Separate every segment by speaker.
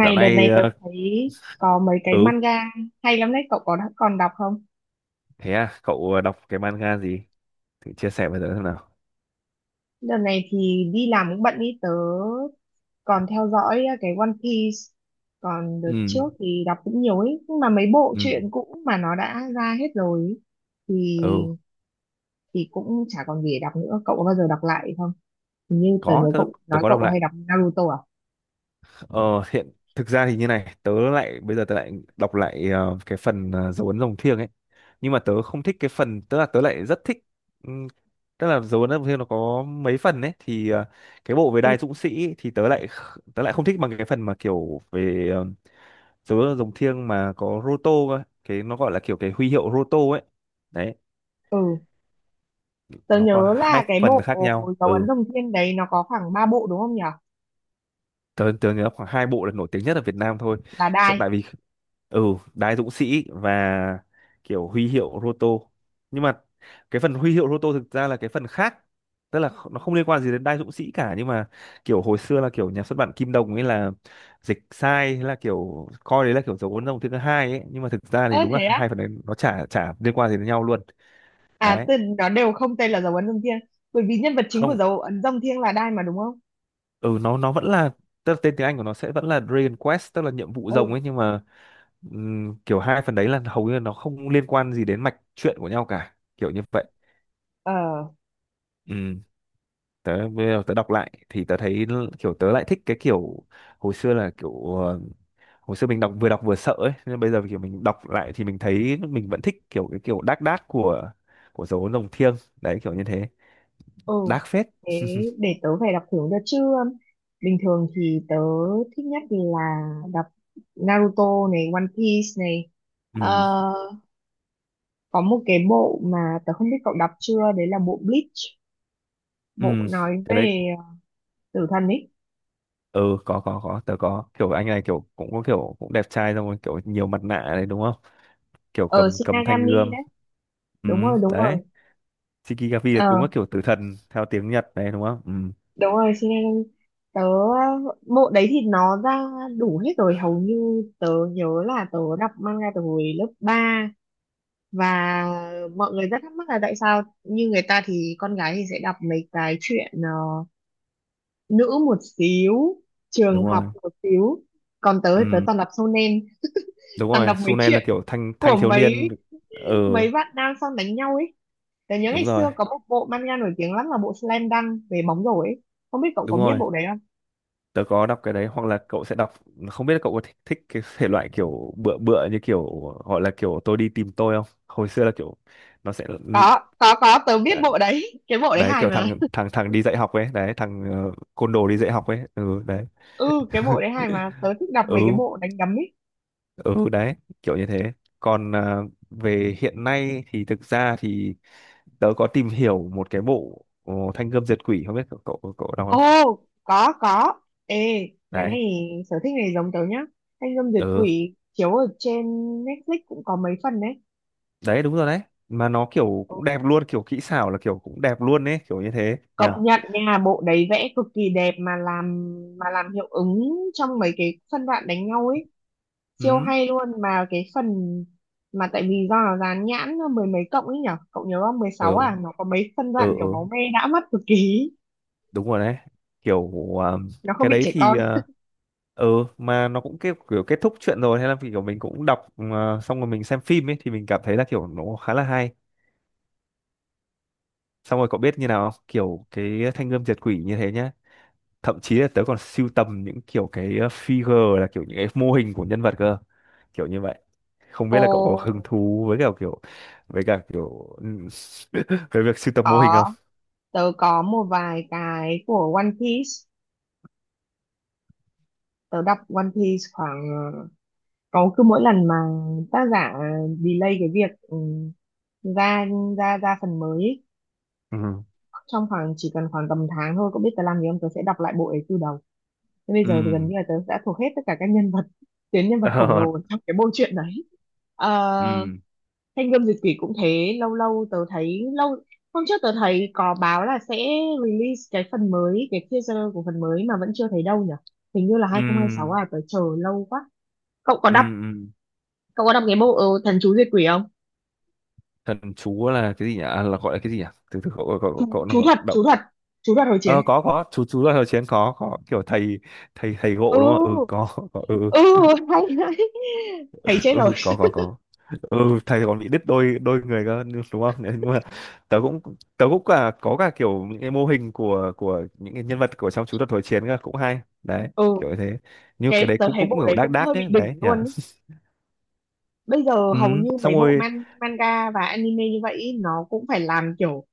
Speaker 1: Dạo
Speaker 2: đợt
Speaker 1: này
Speaker 2: này tớ thấy có mấy cái
Speaker 1: ừ,
Speaker 2: manga hay lắm đấy, cậu có đã còn đọc không?
Speaker 1: thế à, cậu đọc cái manga gì, thử chia sẻ với tớ xem nào.
Speaker 2: Đợt này thì đi làm cũng bận ý, tớ còn theo dõi à, cái One Piece. Còn đợt
Speaker 1: Ừ,
Speaker 2: trước thì đọc cũng nhiều ấy, nhưng mà mấy bộ
Speaker 1: ừ,
Speaker 2: truyện cũ mà nó đã ra hết rồi ý, thì
Speaker 1: ừ,
Speaker 2: thì cũng chả còn gì để đọc nữa. Cậu có bao giờ đọc lại không? Hình như tớ nhớ
Speaker 1: có tớ,
Speaker 2: cậu nói
Speaker 1: có
Speaker 2: cậu
Speaker 1: đọc
Speaker 2: hay
Speaker 1: lại.
Speaker 2: đọc Naruto à?
Speaker 1: ờ Hiện thực ra thì như này, tớ lại bây giờ tớ lại đọc lại cái phần dấu ấn rồng thiêng ấy. Nhưng mà tớ không thích cái phần, tức là tớ lại rất thích. ừm, Tức là dấu ấn rồng thiêng nó có mấy phần ấy thì cái bộ về
Speaker 2: Ừ.
Speaker 1: đai dũng sĩ ấy, thì tớ lại không thích bằng cái phần mà kiểu về dấu ấn rồng thiêng mà có Roto cơ. Cái nó gọi là kiểu cái huy hiệu Roto ấy, đấy
Speaker 2: Ừ. Tớ
Speaker 1: nó có
Speaker 2: nhớ
Speaker 1: hai
Speaker 2: là cái
Speaker 1: phần
Speaker 2: bộ
Speaker 1: khác nhau.
Speaker 2: dấu ấn
Speaker 1: Ừ,
Speaker 2: rồng thiên đấy nó có khoảng 3 bộ đúng không nhỉ?
Speaker 1: tớ tớ nhớ khoảng hai bộ là nổi tiếng nhất ở Việt Nam thôi.
Speaker 2: Là
Speaker 1: Chắc
Speaker 2: Đai.
Speaker 1: tại vì, ừ, Đái Dũng Sĩ và kiểu huy hiệu Roto, nhưng mà cái phần huy hiệu Roto thực ra là cái phần khác, tức là nó không liên quan gì đến Đái Dũng Sĩ cả. Nhưng mà kiểu hồi xưa là kiểu nhà xuất bản Kim Đồng ấy là dịch sai, thế là kiểu coi đấy là kiểu dấu ấn dòng thứ hai ấy, nhưng mà thực ra thì
Speaker 2: Ơ
Speaker 1: đúng là
Speaker 2: thế
Speaker 1: hai
Speaker 2: á?
Speaker 1: phần đấy nó chả chả liên quan gì đến nhau luôn.
Speaker 2: À,
Speaker 1: Đấy.
Speaker 2: từ nó đều không tên là dấu ấn rồng thiêng, bởi vì nhân vật chính của
Speaker 1: Không.
Speaker 2: dấu ấn rồng thiêng là Đai mà đúng không?
Speaker 1: Ừ, nó vẫn là, tức là tên tiếng Anh của nó sẽ vẫn là Dragon Quest, tức là nhiệm vụ rồng
Speaker 2: Ừ.
Speaker 1: ấy. Nhưng mà kiểu hai phần đấy là hầu như là nó không liên quan gì đến mạch truyện của nhau cả, kiểu như vậy.
Speaker 2: Ờ.
Speaker 1: Ừ. Bây giờ tớ đọc lại thì tớ thấy kiểu tớ lại thích cái kiểu hồi xưa là kiểu, hồi xưa mình đọc vừa sợ ấy, nhưng bây giờ kiểu mình đọc lại thì mình thấy mình vẫn thích kiểu cái kiểu đác đác của dấu rồng thiêng, đấy kiểu như thế.
Speaker 2: Ừ.
Speaker 1: Đác phết.
Speaker 2: Thế để tớ phải đọc thử cho chứ. Bình thường thì tớ thích nhất là đọc Naruto này, One Piece này.
Speaker 1: Ừ,
Speaker 2: Ờ, có một cái bộ mà tớ không biết cậu đọc chưa, đấy là bộ Bleach, bộ nói
Speaker 1: ừ,
Speaker 2: về tử thần ấy.
Speaker 1: ừ, có, tớ có kiểu anh này kiểu cũng có kiểu cũng đẹp trai, xong rồi kiểu nhiều mặt nạ này đúng không, kiểu
Speaker 2: Ờ
Speaker 1: cầm cầm thanh
Speaker 2: Shinigami
Speaker 1: gươm.
Speaker 2: đấy.
Speaker 1: Ừ,
Speaker 2: Đúng rồi, đúng rồi.
Speaker 1: đấy. Shikigami là đúng là
Speaker 2: Ờ,
Speaker 1: kiểu tử thần theo tiếng Nhật đấy đúng không. Ừ,
Speaker 2: đúng rồi, xin nên tớ bộ đấy thì nó ra đủ hết rồi, hầu như tớ nhớ là tớ đọc manga từ hồi lớp ba. Và mọi người rất thắc mắc là tại sao như người ta thì con gái thì sẽ đọc mấy cái chuyện nữ một xíu, trường
Speaker 1: đúng
Speaker 2: học
Speaker 1: rồi,
Speaker 2: một xíu, còn tớ thì tớ
Speaker 1: ừ,
Speaker 2: toàn đọc shonen,
Speaker 1: đúng
Speaker 2: toàn
Speaker 1: rồi.
Speaker 2: đọc mấy
Speaker 1: Sune là
Speaker 2: chuyện
Speaker 1: kiểu thanh
Speaker 2: của
Speaker 1: thanh thiếu
Speaker 2: mấy
Speaker 1: niên. Ừ,
Speaker 2: mấy bạn nam sang đánh nhau ấy. Tớ nhớ ngày
Speaker 1: đúng rồi,
Speaker 2: xưa có một bộ manga nổi tiếng lắm là bộ Slam Dunk về bóng rổ ấy, không biết cậu có
Speaker 1: đúng
Speaker 2: biết
Speaker 1: rồi.
Speaker 2: bộ đấy.
Speaker 1: Tớ có đọc cái đấy, hoặc là cậu sẽ đọc, không biết là cậu có thích, cái thể loại kiểu bựa bựa, như kiểu gọi là kiểu tôi đi tìm tôi không, hồi xưa là kiểu nó sẽ,
Speaker 2: Có, tớ biết bộ đấy, cái bộ đấy
Speaker 1: đấy,
Speaker 2: hài
Speaker 1: kiểu
Speaker 2: mà.
Speaker 1: thằng thằng thằng đi dạy học ấy, đấy thằng côn đồ đi dạy học ấy. Ừ, đấy.
Speaker 2: Ừ, cái bộ đấy hài mà, tớ thích đọc mấy cái
Speaker 1: Ừ,
Speaker 2: bộ đánh đấm ấy.
Speaker 1: ừ, đấy kiểu như thế. Còn về hiện nay thì thực ra thì tớ có tìm hiểu một cái bộ Thanh Gươm Diệt Quỷ, không biết cậu cậu, cậu đọc
Speaker 2: Ô,
Speaker 1: không.
Speaker 2: có, có. Ê, cái
Speaker 1: Đấy.
Speaker 2: này, sở thích này giống tớ nhá. Thanh gươm duyệt
Speaker 1: Ừ,
Speaker 2: quỷ chiếu ở trên Netflix cũng có mấy phần đấy.
Speaker 1: đấy, đúng rồi đấy. Mà nó kiểu
Speaker 2: Ừ,
Speaker 1: cũng đẹp luôn, kiểu kỹ xảo là kiểu cũng đẹp luôn ấy, kiểu như thế
Speaker 2: công
Speaker 1: nhờ.
Speaker 2: nhận nha, bộ đấy vẽ cực kỳ đẹp, mà làm hiệu ứng trong mấy cái phân đoạn đánh nhau ấy
Speaker 1: Ừ,
Speaker 2: siêu hay luôn, mà cái phần mà tại vì do nó dán nhãn mười mấy cộng ấy nhở, cậu nhớ không, mười
Speaker 1: ừ,
Speaker 2: sáu à, nó có mấy phân
Speaker 1: ừ,
Speaker 2: đoạn kiểu
Speaker 1: ừ,
Speaker 2: máu me đã mắt cực kỳ,
Speaker 1: đúng rồi đấy, kiểu à,
Speaker 2: nó không
Speaker 1: cái
Speaker 2: bị
Speaker 1: đấy
Speaker 2: trẻ
Speaker 1: thì
Speaker 2: con.
Speaker 1: ừ, mà nó cũng kiểu kết thúc chuyện rồi, hay là kiểu mình cũng đọc xong rồi mình xem phim ấy thì mình cảm thấy là kiểu nó khá là hay. Xong rồi cậu biết như nào không? Kiểu cái thanh gươm diệt quỷ như thế nhá, thậm chí là tớ còn sưu tầm những kiểu cái figure, là kiểu những cái mô hình của nhân vật cơ, kiểu như vậy. Không biết
Speaker 2: Ồ,
Speaker 1: là cậu có hứng thú với cả kiểu, với cả kiểu về việc sưu tầm mô hình không.
Speaker 2: có. Tớ có một vài cái của One Piece. Tớ đọc One Piece khoảng có, cứ mỗi lần mà tác giả delay cái việc ra ra ra phần mới ý,
Speaker 1: Ừ,
Speaker 2: trong khoảng chỉ cần khoảng tầm tháng thôi, có biết tớ làm gì không, tớ sẽ đọc lại bộ ấy từ đầu. Thế bây
Speaker 1: ừ.
Speaker 2: giờ thì gần như là tớ đã thuộc hết tất cả các nhân vật, tuyến nhân vật khổng
Speaker 1: Ờ,
Speaker 2: lồ trong cái bộ truyện đấy.
Speaker 1: ừ,
Speaker 2: Ờ. Thanh gươm diệt quỷ cũng thế, lâu lâu tớ thấy lâu, hôm trước tớ thấy có báo là sẽ release cái phần mới, cái teaser của phần mới mà vẫn chưa thấy đâu nhỉ. Hình như là
Speaker 1: ừ,
Speaker 2: 2026 à, tớ chờ lâu quá. Cậu có
Speaker 1: ừ,
Speaker 2: đọc,
Speaker 1: ừ.
Speaker 2: cậu có đọc cái bộ thần chú diệt quỷ không?
Speaker 1: Thần chú là cái gì nhỉ? Là gọi là cái gì nhỉ? Từ từ cậu cậu
Speaker 2: Chú
Speaker 1: cậu cậu nó
Speaker 2: chú thật,
Speaker 1: đọc.
Speaker 2: chú thật, chú thật hồi chiến.
Speaker 1: Ờ, có, chú, là thời chiến, có, kiểu thầy thầy thầy
Speaker 2: Ừ,
Speaker 1: gộ đúng không. Ừ, có, ừ.
Speaker 2: ừ, hay đấy. Thấy chết rồi.
Speaker 1: Ừ, có, có, có. Ừ, thầy còn bị đứt đôi, người cơ, đúng không? Nên mà tớ cũng, cả có cả kiểu những cái mô hình của những cái nhân vật của trong chú thuật hồi chiến cơ, cũng hay đấy,
Speaker 2: Ừ,
Speaker 1: kiểu như thế. Như cái
Speaker 2: cái
Speaker 1: đấy
Speaker 2: tớ
Speaker 1: cũng
Speaker 2: thấy
Speaker 1: cũng
Speaker 2: bộ
Speaker 1: kiểu
Speaker 2: đấy
Speaker 1: đác
Speaker 2: cũng
Speaker 1: đác
Speaker 2: hơi bị
Speaker 1: ấy đấy
Speaker 2: đỉnh
Speaker 1: nhỉ.
Speaker 2: luôn ý. Bây giờ hầu
Speaker 1: Ừ,
Speaker 2: như
Speaker 1: xong
Speaker 2: mấy bộ
Speaker 1: rồi,
Speaker 2: manga và anime như vậy ý, nó cũng phải làm kiểu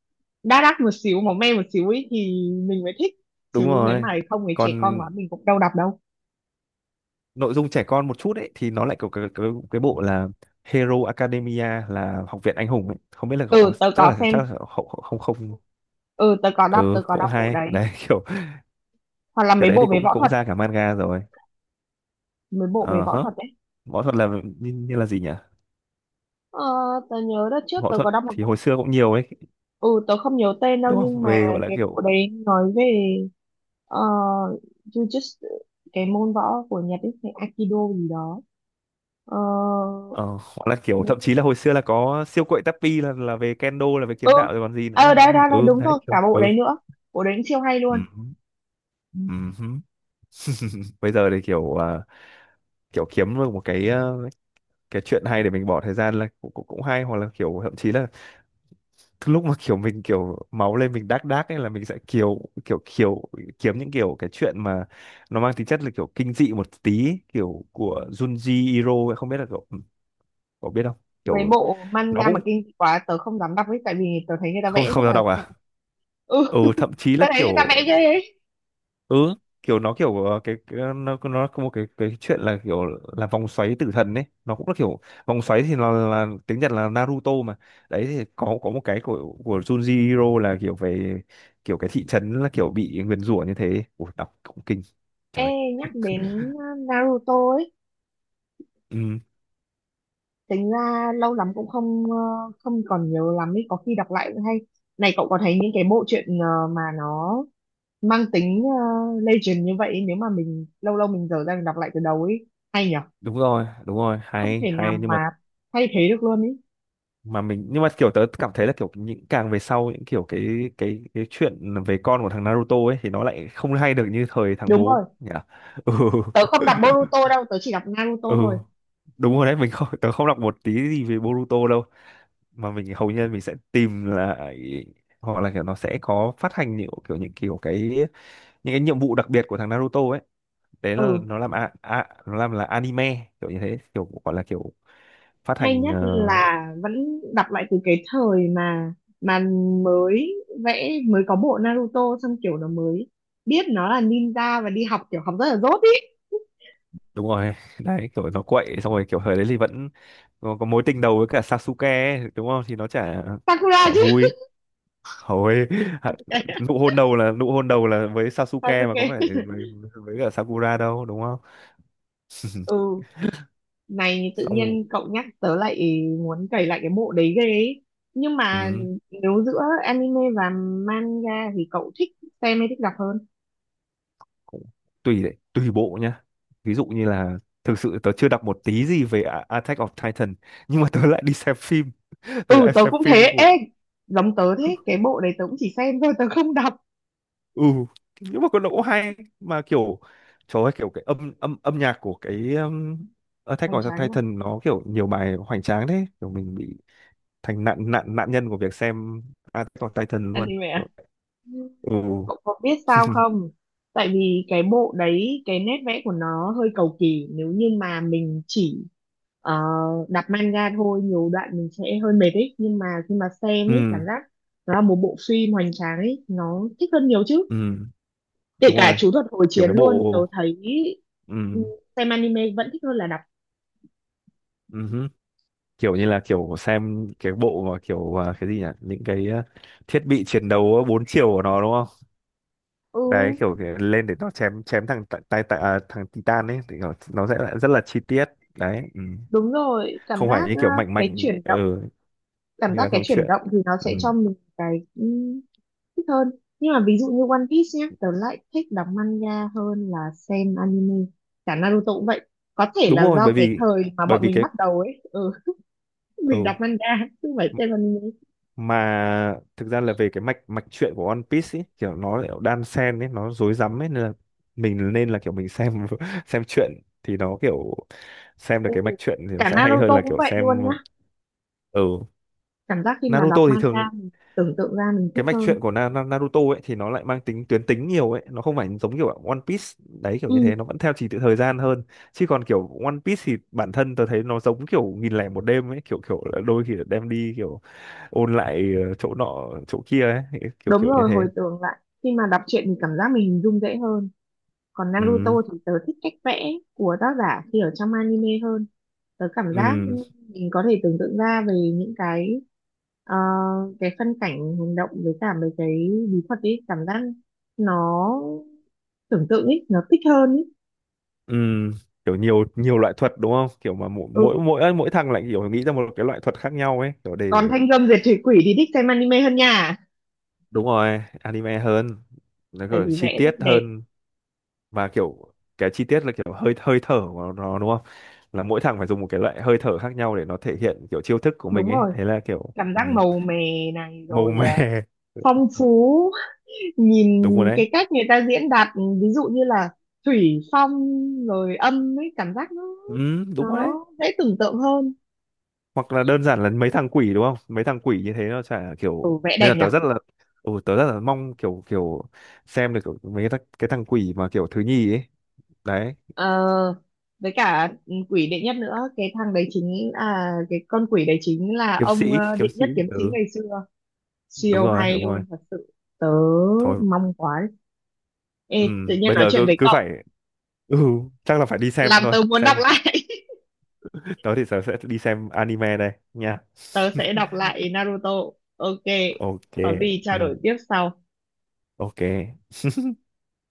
Speaker 2: đa đắt một xíu, máu me một xíu ấy thì mình mới thích,
Speaker 1: đúng
Speaker 2: chứ nếu
Speaker 1: rồi.
Speaker 2: mà không ấy trẻ con
Speaker 1: Còn
Speaker 2: quá mình cũng đâu đọc đâu.
Speaker 1: nội dung trẻ con một chút ấy thì nó lại có cái bộ là Hero Academia, là học viện anh hùng ấy. Không biết là cậu,
Speaker 2: Ừ, tớ
Speaker 1: chắc
Speaker 2: có
Speaker 1: là
Speaker 2: xem.
Speaker 1: không, không, không.
Speaker 2: Ừ, tớ có đọc
Speaker 1: Ừ,
Speaker 2: tớ có
Speaker 1: cũng
Speaker 2: đọc bộ
Speaker 1: hay
Speaker 2: đấy.
Speaker 1: đấy. Kiểu
Speaker 2: Hoặc là
Speaker 1: cái đấy thì cũng cũng ra cả manga rồi.
Speaker 2: mấy bộ về
Speaker 1: Ờ
Speaker 2: võ
Speaker 1: hả,
Speaker 2: thuật đấy.
Speaker 1: võ thuật là như, là gì nhỉ?
Speaker 2: Ờ, tớ nhớ đợt trước
Speaker 1: Võ
Speaker 2: tớ
Speaker 1: thuật
Speaker 2: có đọc một
Speaker 1: thì
Speaker 2: bộ,
Speaker 1: hồi xưa cũng nhiều ấy,
Speaker 2: ừ, tớ không nhớ tên đâu,
Speaker 1: đúng
Speaker 2: nhưng
Speaker 1: không?
Speaker 2: mà
Speaker 1: Về gọi là
Speaker 2: cái bộ
Speaker 1: kiểu,
Speaker 2: đấy nói về ờ, jujutsu, cái môn võ của Nhật ấy, cái Aikido gì đó. ờ,
Speaker 1: thậm chí là hồi xưa là có siêu quậy Tappy là về kendo, là về
Speaker 2: ừ
Speaker 1: kiếm đạo rồi còn gì nữa
Speaker 2: ờ
Speaker 1: đúng
Speaker 2: đấy, đấy,
Speaker 1: không.
Speaker 2: đấy,
Speaker 1: Ừ,
Speaker 2: đúng
Speaker 1: đấy
Speaker 2: rồi,
Speaker 1: kiểu.
Speaker 2: cả bộ
Speaker 1: Ừ.
Speaker 2: đấy nữa, bộ đấy cũng siêu hay luôn.
Speaker 1: Ừm, ừm. Bây giờ thì kiểu kiểu kiếm được một cái cái chuyện hay để mình bỏ thời gian là cũng, cũng cũng hay, hoặc là kiểu thậm chí là lúc mà kiểu mình kiểu máu lên mình đác đác ấy là mình sẽ kiểu kiểu kiểu kiếm những kiểu cái chuyện mà nó mang tính chất là kiểu kinh dị một tí, kiểu của Junji Ito ấy, không biết là cậu cậu biết không.
Speaker 2: Mấy
Speaker 1: Kiểu
Speaker 2: bộ
Speaker 1: nó
Speaker 2: manga mà
Speaker 1: cũng,
Speaker 2: kinh dị quá tớ không dám đọc ấy, tại vì tớ thấy người ta
Speaker 1: không,
Speaker 2: vẽ
Speaker 1: không
Speaker 2: rất
Speaker 1: sao
Speaker 2: là
Speaker 1: đọc
Speaker 2: sợ.
Speaker 1: à?
Speaker 2: Ừ,
Speaker 1: Ừ, thậm chí là
Speaker 2: tớ thấy người ta
Speaker 1: kiểu,
Speaker 2: vẽ ghê ấy.
Speaker 1: ừ, kiểu nó kiểu cái nó có một cái chuyện là kiểu là vòng xoáy tử thần ấy, nó cũng là kiểu vòng xoáy thì nó là tiếng Nhật là Naruto mà. Đấy thì có một cái của Junji Hiro là kiểu về kiểu cái thị trấn là kiểu bị nguyền rủa như thế. Ủa, đọc cũng kinh
Speaker 2: Ê,
Speaker 1: trời.
Speaker 2: nhắc đến uh, Naruto ấy,
Speaker 1: Ừ,
Speaker 2: tính ra lâu lắm cũng không, không còn nhớ lắm ấy, có khi đọc lại cũng hay. Này cậu có thấy những cái bộ truyện mà nó mang tính legend như vậy ấy, nếu mà mình lâu lâu mình dở ra mình đọc lại từ đầu ấy, hay nhở?
Speaker 1: đúng rồi, đúng rồi,
Speaker 2: Không
Speaker 1: hay
Speaker 2: thể nào
Speaker 1: hay, nhưng mà
Speaker 2: mà thay thế được luôn ấy.
Speaker 1: mình, nhưng mà kiểu tớ cảm thấy là kiểu những càng về sau, những kiểu cái chuyện về con của thằng Naruto ấy thì nó lại không hay được như thời thằng
Speaker 2: Đúng
Speaker 1: bố
Speaker 2: rồi,
Speaker 1: nhỉ. Ừ,
Speaker 2: tớ không đọc Boruto đâu, tớ chỉ đọc Naruto
Speaker 1: ừ,
Speaker 2: thôi.
Speaker 1: đúng rồi đấy. Mình không Tớ không đọc một tí gì về Boruto đâu, mà mình hầu như mình sẽ tìm lại, hoặc là kiểu nó sẽ có phát hành những cái nhiệm vụ đặc biệt của thằng Naruto ấy. Đấy là
Speaker 2: Ừ.
Speaker 1: nó làm là anime, kiểu như thế, kiểu gọi là kiểu phát
Speaker 2: Hay
Speaker 1: hành
Speaker 2: nhất là vẫn đọc lại từ cái thời mà mới vẽ mới có bộ Naruto, xong kiểu nó mới biết nó là ninja và đi học kiểu học rất là dốt ý.
Speaker 1: đúng rồi. Đấy, kiểu nó quậy, xong rồi kiểu thời đấy thì vẫn có, mối tình đầu với cả Sasuke ấy, đúng không thì nó chả
Speaker 2: Sakura
Speaker 1: chả
Speaker 2: chứ.
Speaker 1: vui hồi.
Speaker 2: Sasuke.
Speaker 1: Nụ hôn đầu là với Sasuke, mà có
Speaker 2: Sasuke.
Speaker 1: phải với, cả Sakura đâu đúng không.
Speaker 2: Ừ, này tự
Speaker 1: Xong rồi,
Speaker 2: nhiên cậu nhắc tớ lại muốn cày lại cái bộ đấy ghê ấy, nhưng mà
Speaker 1: ừ,
Speaker 2: nếu giữa anime và manga thì cậu thích xem hay thích đọc hơn?
Speaker 1: cũng tùy đấy, tùy bộ nhá. Ví dụ như là, thực sự tớ chưa đọc một tí gì về Attack of Titan, nhưng mà tớ lại đi xem phim,
Speaker 2: Ừ,
Speaker 1: tớ lại
Speaker 2: tớ
Speaker 1: xem
Speaker 2: cũng thế.
Speaker 1: phim của.
Speaker 2: Ê, giống tớ thế, cái bộ đấy tớ cũng chỉ xem thôi, tớ không đọc.
Speaker 1: Ừ, nhưng mà có độ hay mà kiểu trời ơi, kiểu cái âm âm âm nhạc của cái Attack
Speaker 2: Hoành
Speaker 1: of
Speaker 2: tráng nhỉ.
Speaker 1: Titan nó kiểu nhiều bài hoành tráng đấy, kiểu mình bị thành nạn nạn nạn nhân của việc xem Attack of Titan luôn.
Speaker 2: Anime
Speaker 1: Kiểu-
Speaker 2: à?
Speaker 1: ừ.
Speaker 2: Cậu có biết sao không? Tại vì cái bộ đấy, cái nét vẽ của nó hơi cầu kỳ. Nếu như mà mình chỉ ờ, đọc manga thôi, nhiều đoạn mình sẽ hơi mệt ấy. Nhưng mà khi mà xem ấy, cảm
Speaker 1: Ừ,
Speaker 2: giác nó là một bộ phim hoành tráng ấy, nó thích hơn nhiều chứ.
Speaker 1: ừ,
Speaker 2: Kể
Speaker 1: đúng
Speaker 2: cả
Speaker 1: rồi,
Speaker 2: chú thuật hồi
Speaker 1: kiểu
Speaker 2: chiến
Speaker 1: cái
Speaker 2: luôn, tớ
Speaker 1: bộ,
Speaker 2: thấy
Speaker 1: ừ,
Speaker 2: ừ, xem anime vẫn thích hơn là đọc.
Speaker 1: ừ, kiểu như là kiểu xem cái bộ mà kiểu cái gì nhỉ, những cái thiết bị chiến đấu bốn chiều của nó đúng không,
Speaker 2: Ừ,
Speaker 1: đấy kiểu cái lên để nó chém chém thằng Titan ấy thì kiểu nó sẽ lại rất là chi tiết. Đấy. Ừ,
Speaker 2: đúng rồi, cảm
Speaker 1: không phải
Speaker 2: giác
Speaker 1: như kiểu mạnh
Speaker 2: cái
Speaker 1: mạnh.
Speaker 2: chuyển động,
Speaker 1: Ừ,
Speaker 2: cảm
Speaker 1: như
Speaker 2: giác
Speaker 1: là
Speaker 2: cái
Speaker 1: trong
Speaker 2: chuyển
Speaker 1: truyện.
Speaker 2: động thì nó
Speaker 1: Ừ,
Speaker 2: sẽ cho mình cái thích hơn. Nhưng mà ví dụ như One Piece nhé, tớ lại thích đọc manga hơn là xem anime, cả Naruto cũng vậy. Có thể
Speaker 1: đúng
Speaker 2: là
Speaker 1: rồi
Speaker 2: do
Speaker 1: bởi
Speaker 2: cái
Speaker 1: vì,
Speaker 2: thời mà bọn mình
Speaker 1: cái,
Speaker 2: bắt đầu ấy, mình
Speaker 1: ừ,
Speaker 2: đọc manga chứ không phải xem anime.
Speaker 1: mà thực ra là về cái mạch mạch truyện của One Piece ấy, kiểu nó lại đan xen ấy, nó rối rắm ấy, nên là kiểu mình xem. Xem truyện thì nó kiểu xem được
Speaker 2: Ừ.
Speaker 1: cái mạch truyện thì nó
Speaker 2: Cả
Speaker 1: sẽ hay hơn
Speaker 2: Naruto
Speaker 1: là
Speaker 2: cũng
Speaker 1: kiểu
Speaker 2: vậy luôn
Speaker 1: xem.
Speaker 2: nhá,
Speaker 1: Ở
Speaker 2: cảm giác khi mà đọc
Speaker 1: Naruto thì
Speaker 2: manga
Speaker 1: thường,
Speaker 2: mình tưởng tượng ra mình
Speaker 1: cái
Speaker 2: thích
Speaker 1: mạch truyện
Speaker 2: hơn.
Speaker 1: của Na Na- Naruto ấy thì nó lại mang tính tuyến tính nhiều ấy, nó không phải giống kiểu One Piece. Đấy, kiểu như
Speaker 2: Ừ,
Speaker 1: thế, nó vẫn theo trình tự thời gian hơn. Chứ còn kiểu One Piece thì bản thân tớ thấy nó giống kiểu 1.001 đêm ấy, kiểu kiểu là đôi khi là đem đi kiểu ôn lại chỗ nọ chỗ kia ấy, kiểu
Speaker 2: đúng
Speaker 1: kiểu như
Speaker 2: rồi, hồi
Speaker 1: thế.
Speaker 2: tưởng lại, khi mà đọc truyện thì cảm giác mình hình dung dễ hơn. Còn Naruto
Speaker 1: Ừ,
Speaker 2: thì tớ thích cách vẽ của tác giả khi ở trong anime hơn, tớ cảm giác
Speaker 1: ừ,
Speaker 2: mình có thể tưởng tượng ra về những cái ờ, cái phân cảnh hành động với cả mấy cái bí thuật ấy, cảm giác nó, tưởng tượng ấy nó thích hơn ấy.
Speaker 1: ừ, kiểu nhiều nhiều loại thuật đúng không, kiểu mà mỗi mỗi
Speaker 2: Ừ,
Speaker 1: mỗi mỗi thằng lại kiểu nghĩ ra một cái loại thuật khác nhau ấy, kiểu để.
Speaker 2: còn thanh gươm diệt thủy quỷ thì thích xem anime hơn nha,
Speaker 1: Đúng rồi, anime hơn, nó
Speaker 2: tại
Speaker 1: kiểu
Speaker 2: vì
Speaker 1: chi
Speaker 2: vẽ
Speaker 1: tiết
Speaker 2: rất đẹp.
Speaker 1: hơn, và kiểu cái chi tiết là kiểu hơi hơi thở của nó đúng không, là mỗi thằng phải dùng một cái loại hơi thở khác nhau để nó thể hiện kiểu chiêu thức của mình
Speaker 2: Đúng
Speaker 1: ấy,
Speaker 2: rồi,
Speaker 1: thế là kiểu,
Speaker 2: cảm
Speaker 1: ừ,
Speaker 2: giác màu mè này,
Speaker 1: màu
Speaker 2: rồi
Speaker 1: mè.
Speaker 2: phong phú. Nhìn
Speaker 1: Đúng rồi đấy.
Speaker 2: cái cách người ta diễn đạt, ví dụ như là thủy phong rồi âm ấy, cảm giác nó
Speaker 1: Ừ, đúng rồi đấy.
Speaker 2: nó dễ tưởng tượng hơn.
Speaker 1: Hoặc là đơn giản là mấy thằng quỷ đúng không, mấy thằng quỷ như thế nó chả,
Speaker 2: Ừ,
Speaker 1: kiểu
Speaker 2: vẽ
Speaker 1: nên
Speaker 2: đẹp
Speaker 1: là
Speaker 2: nhỉ.
Speaker 1: tớ rất là, ừ, tớ rất là mong kiểu kiểu xem được kiểu mấy cái, cái thằng quỷ mà kiểu thứ nhì ấy. Đấy,
Speaker 2: Ờ, với cả quỷ đệ nhất nữa, cái thằng đấy chính là cái con quỷ đấy, chính là
Speaker 1: kiếm
Speaker 2: ông
Speaker 1: sĩ,
Speaker 2: đệ
Speaker 1: kiếm sĩ.
Speaker 2: nhất kiếm sĩ
Speaker 1: Ừ,
Speaker 2: ngày xưa,
Speaker 1: đúng
Speaker 2: siêu
Speaker 1: rồi,
Speaker 2: hay
Speaker 1: đúng rồi,
Speaker 2: luôn thật sự. Tớ
Speaker 1: thôi.
Speaker 2: mong quá.
Speaker 1: Ừ,
Speaker 2: Ê, tự nhiên
Speaker 1: bây
Speaker 2: nói
Speaker 1: giờ
Speaker 2: chuyện
Speaker 1: cứ
Speaker 2: với
Speaker 1: cứ
Speaker 2: cậu
Speaker 1: phải, ừ, chắc là phải đi xem
Speaker 2: làm
Speaker 1: thôi.
Speaker 2: tớ muốn đọc
Speaker 1: Xem.
Speaker 2: lại.
Speaker 1: Đó thì giờ sẽ đi xem anime đây nha.
Speaker 2: Tớ sẽ đọc lại Naruto. Ok,
Speaker 1: OK.
Speaker 2: có gì trao
Speaker 1: Ừ,
Speaker 2: đổi tiếp sau.
Speaker 1: OK.